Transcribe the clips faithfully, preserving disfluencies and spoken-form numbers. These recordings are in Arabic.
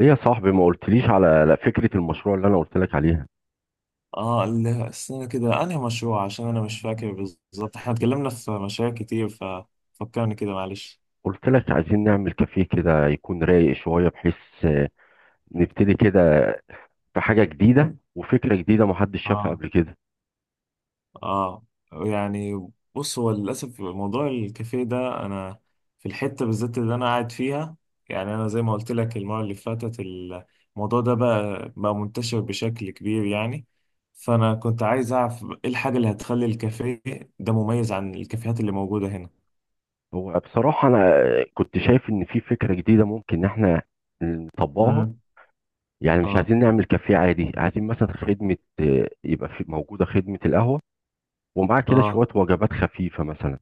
ايه يا صاحبي ما قلتليش على على فكرة المشروع اللي انا قلت لك عليها؟ اه ال- استنى كده انهي مشروع؟ عشان انا مش فاكر بالظبط. احنا اتكلمنا في مشاريع كتير، ففكرني كده معلش. قلت لك عايزين نعمل كافيه كده يكون رايق شوية بحيث آه، نبتدي كده في حاجة جديدة وفكرة جديدة محدش شافها اه. قبل كده. اه. يعني بص، هو للاسف موضوع الكافيه ده، انا في الحته بالذات اللي انا قاعد فيها، يعني انا زي ما قلت لك المره اللي فاتت، الموضوع ده بقى بقى منتشر بشكل كبير يعني. فانا كنت عايز اعرف ايه الحاجه اللي هتخلي الكافيه ده مميز عن الكافيهات اللي موجوده هنا. هو بصراحة انا آه، كنت شايف ان في فكرة جديدة ممكن ان احنا نطبقها. امم. يعني مش اه. عايزين نعمل كافيه عادي، عايزين مثلا خدمة، آه، يبقى في موجودة خدمة القهوة ومعاه كده اه. شوية وجبات خفيفة مثلا،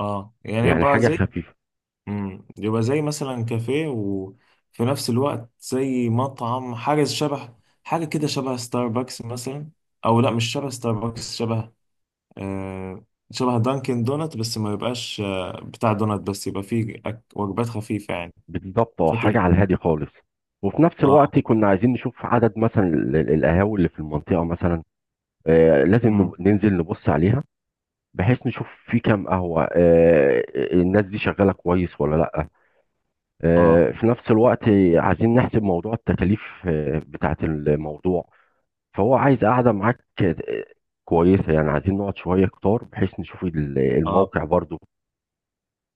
اه، يعني يعني يبقى حاجة زي، خفيفة. امم، يبقى زي مثلا كافيه وفي نفس الوقت زي مطعم، حاجة شبه، حاجة كده شبه ستاربكس مثلا. أو لا، مش شبه ستاربكس، شبه آه شبه دانكن دونت، بس ما يبقاش آه بتاع دونت، بس يبقى فيه أك- وجبات خفيفة يعني، بالظبط، اه، بشكل حاجة على عام. الهادي خالص. وفي نفس اه. الوقت كنا عايزين نشوف عدد مثلا ال- ال- القهاوي اللي في المنطقة مثلا. آه لازم امم. نب- ننزل نبص عليها بحيث نشوف في كام قهوة، آه آه، الناس دي شغالة كويس ولا لأ. اه. آه، في نفس الوقت عايزين نحسب موضوع التكاليف آه بتاعة الموضوع. فهو عايز قاعدة معاك آه، كويسة، يعني عايزين نقعد شوية كتار بحيث نشوف ال- اه. الموقع برضو.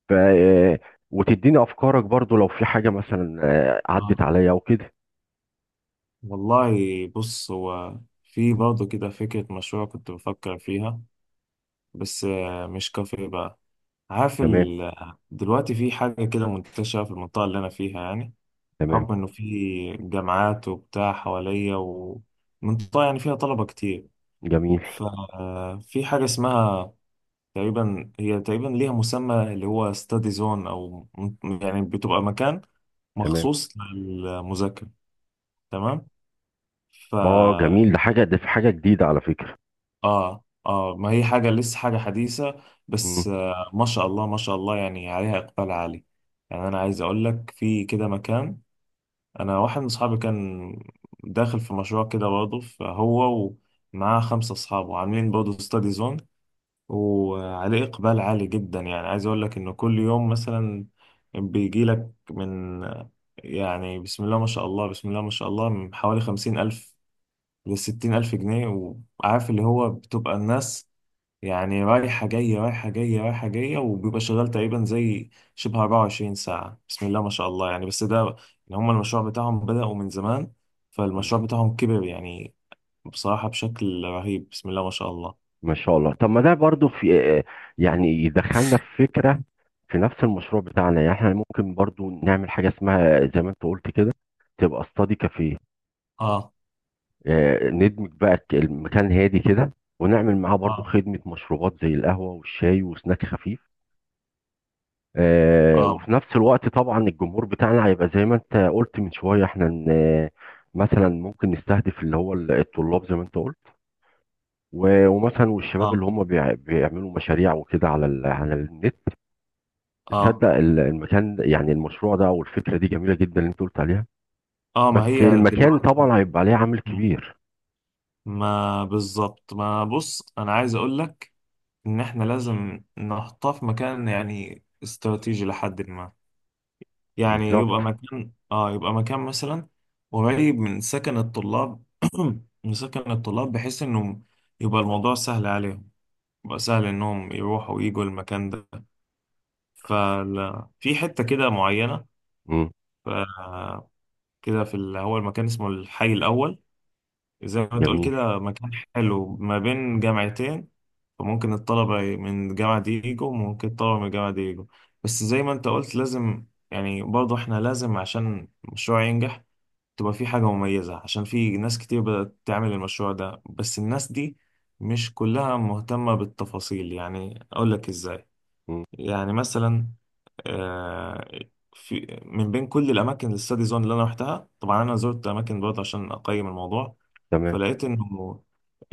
ف آه، وتديني أفكارك برضو لو في حاجة مثلا آه، عدت اه. عليا أو كده. والله، بص، هو في برضه كده فكرة مشروع كنت بفكر فيها، بس آه مش كافيه بقى. عارف تمام، ال... دلوقتي في حاجة كده منتشرة في المنطقة اللي أنا فيها يعني، تمام. بحكم إنه في جامعات وبتاع حواليا، ومنطقة يعني فيها طلبة كتير. جميل. ففي حاجة اسمها، تقريبا هي تقريبا ليها مسمى اللي هو ستادي زون، أو م- يعني بتبقى مكان تمام. مخصوص للمذاكرة، تمام. ف اه، جميل. ده حاجه ده في حاجه جديده على فكره. آه آه، ما هي حاجة لسه، حاجة حديثة، مم. بس آه ما شاء الله ما شاء الله يعني عليها إقبال عالي. يعني أنا عايز أقول لك في كده مكان، انا واحد من اصحابي كان داخل في مشروع كده برضه، فهو ومعاه خمسة اصحابه عاملين برضه ستادي زون، وعليه اقبال عالي جدا. يعني عايز اقول لك انه كل يوم مثلا بيجي لك من يعني بسم الله ما شاء الله بسم الله ما شاء الله من حوالي خمسين ألف لستين ألف جنيه، وعارف اللي هو بتبقى الناس يعني رايحة جاية رايحة جاية رايحة جاية، وبيبقى شغال تقريبا زي شبه أربع وعشرين ساعة بسم الله ما شاء الله يعني. بس ده إن هما المشروع بتاعهم بدأوا من زمان، مم. فالمشروع بتاعهم كبر يعني بصراحة بشكل رهيب، بسم الله ما شاء الله. ما شاء الله. طب ما ده برضو في، آه، يعني يدخلنا في فكره في نفس المشروع بتاعنا. يعني احنا ممكن برضو نعمل حاجه اسمها زي ما انت قلت كده، تبقى استادي كافيه. اه. آه، ندمج بقى ك- المكان هادي كده، ونعمل معاه برضو اه. خدمه مشروبات زي القهوه والشاي وسناك خفيف. آه، وفي اه. نفس الوقت طبعا الجمهور بتاعنا هيبقى زي ما انت قلت من شويه، احنا ن- مثلا ممكن نستهدف اللي هو ال- الطلاب زي ما انت قلت، و- ومثلا والشباب اللي اه. هم بيع- بيعملوا مشاريع وكده على ال- على النت. اه. تصدق ال- المكان، يعني المشروع ده او الفكره دي جميله جدا اللي انت قلت عليها. اه بس ما هي المكان دلوقتي، طبعا هيبقى عليه عامل كبير. ما بالظبط ما بص انا عايز اقول لك ان احنا لازم نحطها في مكان يعني استراتيجي، لحد ما يعني بالظبط. يبقى مكان اه يبقى مكان مثلا قريب من سكن الطلاب. من سكن الطلاب بحيث انه يبقى الموضوع سهل عليهم، يبقى سهل انهم يروحوا ويجوا المكان ده. ففي حتة كده معينة، مم. ف- كده في ال- هو المكان اسمه الحي الأول، زي ما تقول جميل. كده مكان حلو ما بين جامعتين. فممكن الطلبة من الجامعة دي يجوا، وممكن الطلبة من الجامعة دي يجوا. بس زي ما انت قلت لازم يعني برضه احنا لازم عشان المشروع ينجح تبقى في حاجة مميزة، عشان في ناس كتير بدأت تعمل المشروع ده، بس الناس دي مش كلها مهتمة بالتفاصيل. يعني أقول لك إزاي، مم. يعني مثلا آه، في من بين كل الأماكن الستادي زون اللي أنا رحتها، طبعا أنا زرت أماكن برضه عشان أقيم الموضوع، تمام، فلقيت إنه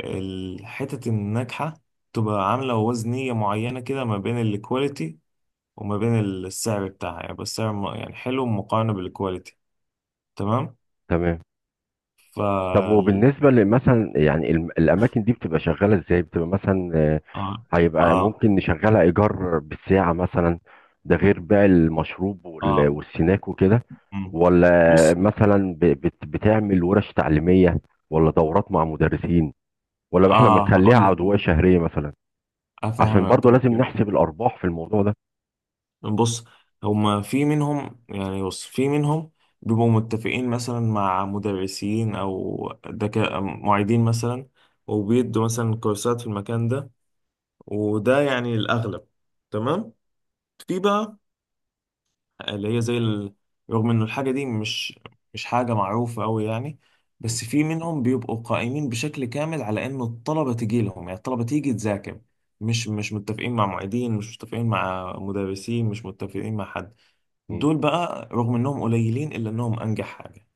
الحتت الناجحة تبقى عاملة وزنية معينة كده ما بين الكواليتي وما بين السعر بتاعها. يعني بس سعر يعني حلو مقارنة بالكواليتي، تمام. تمام. طب، وبالنسبة لمثلا، يعني الم- الأماكن دي بتبقى شغالة إزاي؟ بتبقى مثلا، آه، اه. هيبقى اه. ممكن نشغلها إيجار بالساعة مثلا، ده غير بيع المشروب وال- اه. والسناك وكده، مم. ولا بص. مثلا ب- بت- بتعمل ورش تعليمية، ولا دورات مع مدرسين، ولا إحنا اه بنخليها هقول لك، عضوية شهرية مثلا؟ عشان افهمك برضو لازم الدنيا. نحسب الأرباح في الموضوع ده. بص، هما في منهم يعني بص في منهم بيبقوا متفقين مثلا مع مدرسين او دك... معيدين مثلا، وبيدوا مثلا كورسات في المكان ده، وده يعني الاغلب، تمام. في بقى اللي هي زي ال... رغم إنه الحاجة دي مش مش حاجة معروفة أوي يعني، م- بس في منهم بيبقوا قائمين بشكل كامل على إنه الطلبة تيجي لهم، يعني الطلبة تيجي تذاكر، مش مش متفقين مع معيدين، مش متفقين مع مدرسين، مش متفقين مع حد. م. دول بقى رغم إنهم قليلين إلا إنهم أنجح حاجة.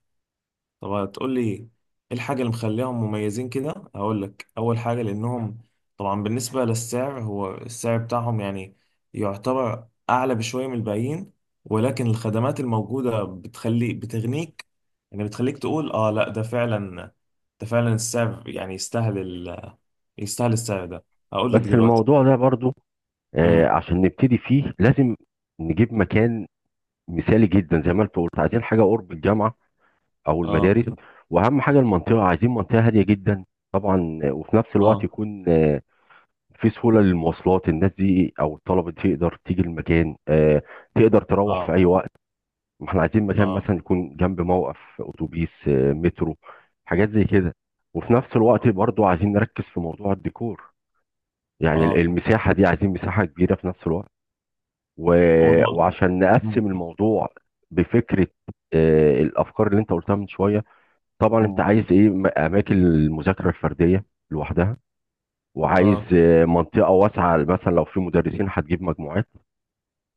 طب هتقول لي ايه الحاجة اللي مخليهم مميزين كده؟ هقول لك، اول حاجة لانهم طبعا بالنسبة للسعر، هو السعر بتاعهم يعني يعتبر اعلى بشوية من الباقيين، ولكن الخدمات الموجودة بتخلي، بتغنيك يعني، بتخليك تقول اه لا ده فعلا، ده فعلا السعر يعني يستاهل ال... يستاهل السعر ده. هقول لك بس دلوقتي. الموضوع ده برضو، آه، امم. عشان نبتدي فيه لازم نجيب مكان مثالي جدا. زي ما انت قلت، عايزين حاجة قرب الجامعة او اه. المدارس. واهم حاجه المنطقه، عايزين منطقه هاديه جدا طبعا. وفي نفس الوقت اه. يكون آه، في سهوله للمواصلات، الناس دي او الطلبه دي تقدر تيجي المكان، آه، تقدر تروح في اه. اي وقت. ما احنا عايزين مكان اه. مثلا يكون جنب موقف اتوبيس، آه، مترو، حاجات زي كده. وفي نفس الوقت برضو عايزين نركز في موضوع الديكور. يعني ال- اه. المساحه دي عايزين مساحه كبيره في نفس الوقت و... والله. وعشان امم. نقسم الموضوع بفكره، آه، الافكار اللي انت قلتها من شويه. طبعا انت عايز ايه، م- اماكن المذاكره الفرديه لوحدها، وعايز اه آه، منطقه واسعه مثلا لو في مدرسين هتجيب مجموعات.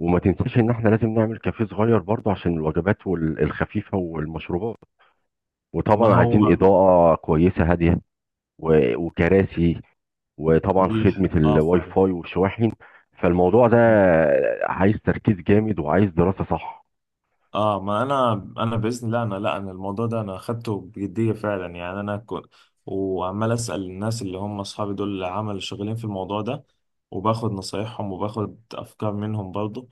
وما تنساش ان احنا لازم نعمل كافيه صغير برضه عشان الوجبات وال- الخفيفه والمشروبات، ما وطبعا عايزين هو اضاءه كويسه هاديه و- وكراسي، وطبعا دي. خدمه اه الواي فعلا. فاي والشواحن. فالموضوع ده عايز تركيز جامد وعايز دراسه صح. اه، ما انا انا باذن الله، انا لا، انا الموضوع ده انا اخدته بجديه فعلا، يعني انا كنت وعمال اسال الناس اللي هم اصحابي دول اللي عمل شغالين في الموضوع ده، وباخد نصايحهم وباخد افكار منهم برضو.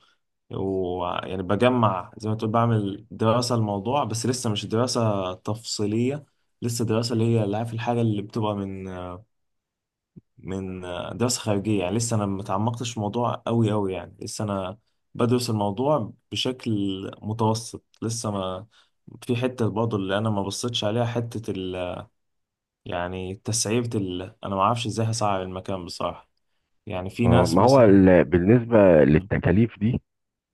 ويعني بجمع، زي ما تقول، بعمل دراسه الموضوع، بس لسه مش دراسه تفصيليه، لسه دراسه اللي هي اللي، عارف الحاجه اللي بتبقى من من آه، دراسة خارجية يعني. لسه أنا متعمقتش في الموضوع أوي أوي يعني، لسه أنا بدرس الموضوع بشكل متوسط لسه. ما في حتة برضه اللي أنا ما بصيتش عليها، حتة ال يعني تسعيرة ال أنا ما أعرفش إزاي هسعر المكان بصراحة، يعني في آه، ناس ما هو مثلا. ال- بالنسبه مم. للتكاليف دي،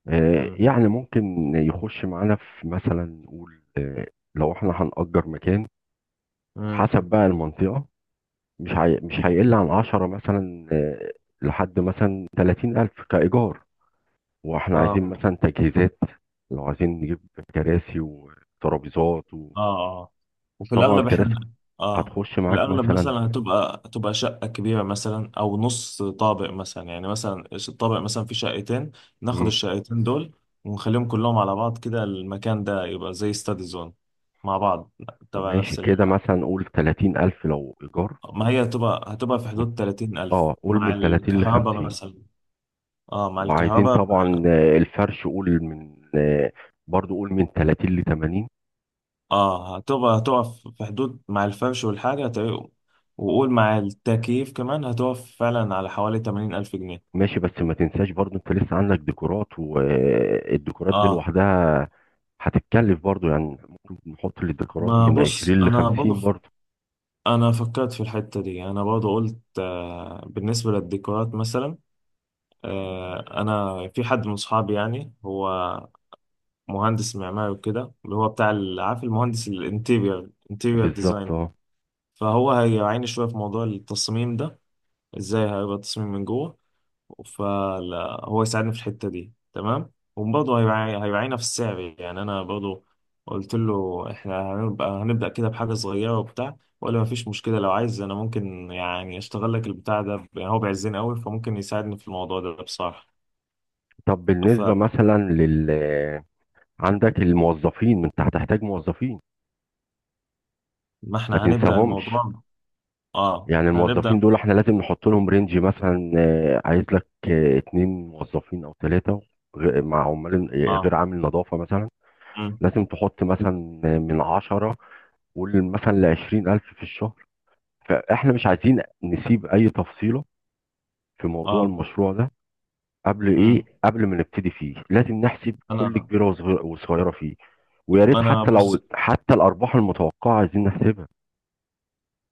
آه، مم. يعني ممكن يخش معانا، في مثلا نقول آه، لو احنا هنأجر مكان مم. حسب بقى المنطقة، مش هي... مش هيقل عن عشرة مثلا، آه، لحد مثلا تلاتين ألف كإيجار. واحنا آه. عايزين مثلا تجهيزات، لو عايزين نجيب كراسي وترابيزات، اه. اه وفي وطبعا الاغلب كراسي احنا، اه هتخش في معاك الاغلب مثلا. مثلا هتبقى هتبقى شقه كبيره مثلا، او نص طابق مثلا، يعني مثلا الطابق مثلا فيه شقتين، ناخد مم، الشقتين دول ونخليهم كلهم على بعض كده، المكان ده يبقى زي ستادي زون مع بعض، تبع ماشي، نفس ال... كده مثلا قول تلاتين ألف لو إيجار، ما هي هتبقى هتبقى في حدود تلاتين ألف اه، قول مع من تلاتين الكهرباء لخمسين. مثلا. اه مع وعايزين الكهرباء. طبعا آه، الفرش، قول من، آه، برضو قول من تلاتين ل ثمانين. اه هتبقى، هتقف في حدود مع الفرش والحاجة، هتبقى، وقول مع التكييف كمان، هتقف فعلا على حوالي ثمانين ألف جنيه. ماشي، بس ما تنساش برضو انت لسه عندك ديكورات، والديكورات دي اه، لوحدها هتتكلف برضو، يعني ممكن نحط للديكورات ما من بص عشرين ل أنا برضه خمسين ف- برضو. أنا فكرت في الحتة دي، أنا برضه قلت آه بالنسبة للديكورات مثلا، آه أنا في حد من صحابي يعني، هو مهندس معماري وكده، اللي هو بتاع ال- عارف، المهندس الانتيريور، انتيريور بالظبط، ديزاين. اه. فهو هيعاني شوية في موضوع التصميم ده، ازاي هيبقى التصميم من جوه، فلا هو يساعدني في الحتة دي تمام، وبرضه هيبقى هيوعينا في السعر. يعني انا برضه قلت له احنا هنبقى هنبدأ كده بحاجة صغيرة وبتاع، ولا ما فيش مشكلة، لو عايز انا ممكن يعني اشتغل لك البتاع ده ب- يعني هو بيعزني قوي، فممكن يساعدني في الموضوع ده بصراحة. طب بالنسبة فما مثلا لل آه، عندك الموظفين، انت هتحتاج موظفين، ما احنا هنبدأ تنساهمش. الموضوع. اه يعني احنا هنبدأ. الموظفين دول احنا لازم نحط لهم رينج، مثلا آه، عايز لك آه، اتنين موظفين او ثلاثة مع عمال، آه، غير اه. عامل نظافة مثلا. مم. لازم تحط مثلا آه، من عشرة، قول مثلا لعشرين ألف في الشهر. فاحنا مش عايزين نسيب أي تفصيلة في موضوع اه. المشروع ده، قبل، إيه، مم. قبل ما نبتدي فيه لازم نحسب كل انا، كبيرة وصغ- وصغيرة فيه. ويا ما ريت انا حتى لو بص، حتى الأرباح المتوقعة عايزين نحسبها،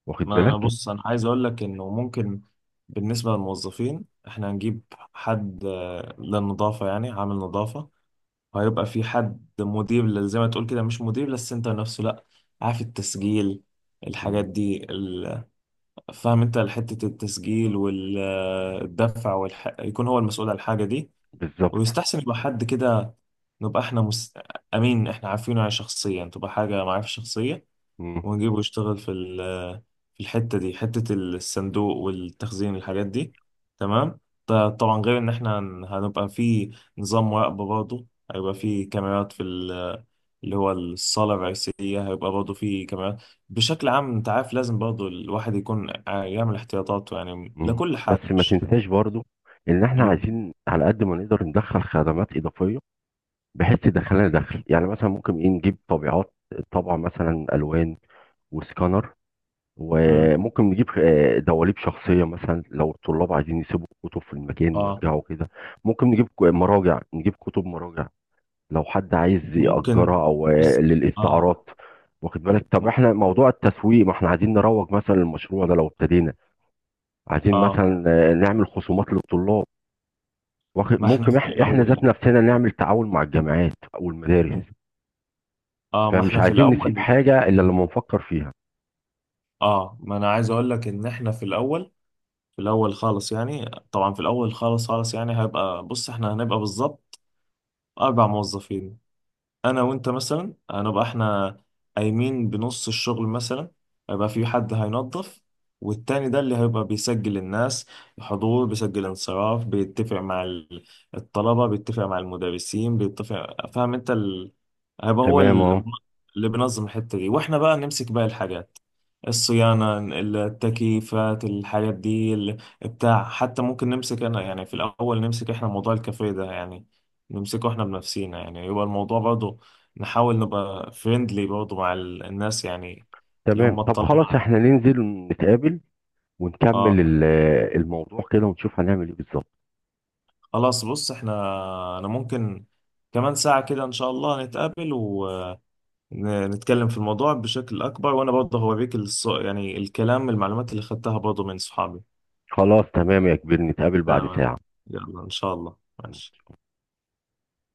واخد ما انا بالك؟ بص انا عايز اقول لك انه ممكن بالنسبه للموظفين احنا هنجيب حد آه، للنظافه يعني، عامل نظافه، وهيبقى في حد مدير لل- زي ما تقول كده، مش مدير للسنتر نفسه لا، عارف التسجيل مم، الحاجات دي ال- فاهم انت، حته التسجيل والدفع والح... يكون هو المسؤول عن الحاجه دي. بالظبط. ويستحسن يبقى حد كده نبقى احنا مس... امين، احنا عارفينه يعني شخصيا، تبقى حاجه معرفه شخصيه، مم. ونجيبه يشتغل في ال- في الحتة دي، حتة الصندوق والتخزين الحاجات دي، تمام. ط- طبعا غير ان احنا هن- هنبقى في نظام مراقبة برضه، هيبقى في كاميرات في ال- اللي هو الصالة الرئيسية، هيبقى برضه في كاميرات بشكل عام. انت عارف لازم برضه الواحد يكون ع- يعمل احتياطاته يعني مم. لكل حاجة بس ما مش. تنساش برضو ان احنا مم. عايزين على قد ما نقدر ندخل خدمات اضافيه بحيث تدخلنا دخل. يعني مثلا ممكن ايه، نجيب طبيعات، طبعا، مثلا الوان وسكانر، مم. وممكن نجيب آه، دواليب شخصيه مثلا لو الطلاب عايزين يسيبوا الكتب في المكان اه ويرجعوا كده. ممكن نجيب ك- مراجع، نجيب كتب مراجع لو حد عايز ممكن، يأجرها، او آه، بس اه. للاستعارات. واخد بالك؟ طب م- احنا موضوع التسويق، ما احنا عايزين نروج مثلا للمشروع ده لو ابتدينا. عايزين اه مثلا آه، نعمل خصومات للطلاب، واخد، ما احنا ممكن في احنا احنا ذات الاول. نفسنا نعمل تعاون مع الجامعات او المدارس، اه ما فمش احنا في عايزين الاول. نسيب حاجه الا لما نفكر فيها. اه ما انا عايز اقول لك ان احنا في الاول، في الاول خالص يعني، طبعا في الاول خالص خالص يعني، هيبقى بص احنا هنبقى بالظبط أربع موظفين، انا وانت مثلا هنبقى احنا قايمين بنص الشغل مثلا، هيبقى في حد هينظف، والتاني ده اللي هيبقى بيسجل الناس، حضور، بيسجل انصراف، بيتفق مع ال- الطلبة، بيتفق مع المدرسين، بيتفق، فاهم انت ال... هيبقى هو تمام، اه، ال- اللي بينظم الحتة دي، واحنا بقى نمسك باقي الحاجات، الصيانة، التكييفات، الحاجات دي ال- بتاع، حتى ممكن نمسك انا يعني في الاول، نمسك احنا موضوع الكافيه ده يعني، نمسكه احنا بنفسينا، يعني يبقى الموضوع برضه نحاول نبقى فريندلي برضه مع ال- الناس يعني، اللي تمام. هم طب خلاص، الطلبة. احنا ننزل نتقابل ونكمل اه ال- الموضوع كده ونشوف هنعمل ايه بالظبط. خلاص بص، احنا انا ممكن كمان ساعة كده ان شاء الله نتقابل ونتكلم في الموضوع بشكل اكبر، وانا برضه هوريك الص... يعني الكلام، المعلومات اللي خدتها برضه من صحابي. خلاص، تمام يا كبير، نتقابل بعد تمام، يلا ان شاء الله. ماشي. ساعه.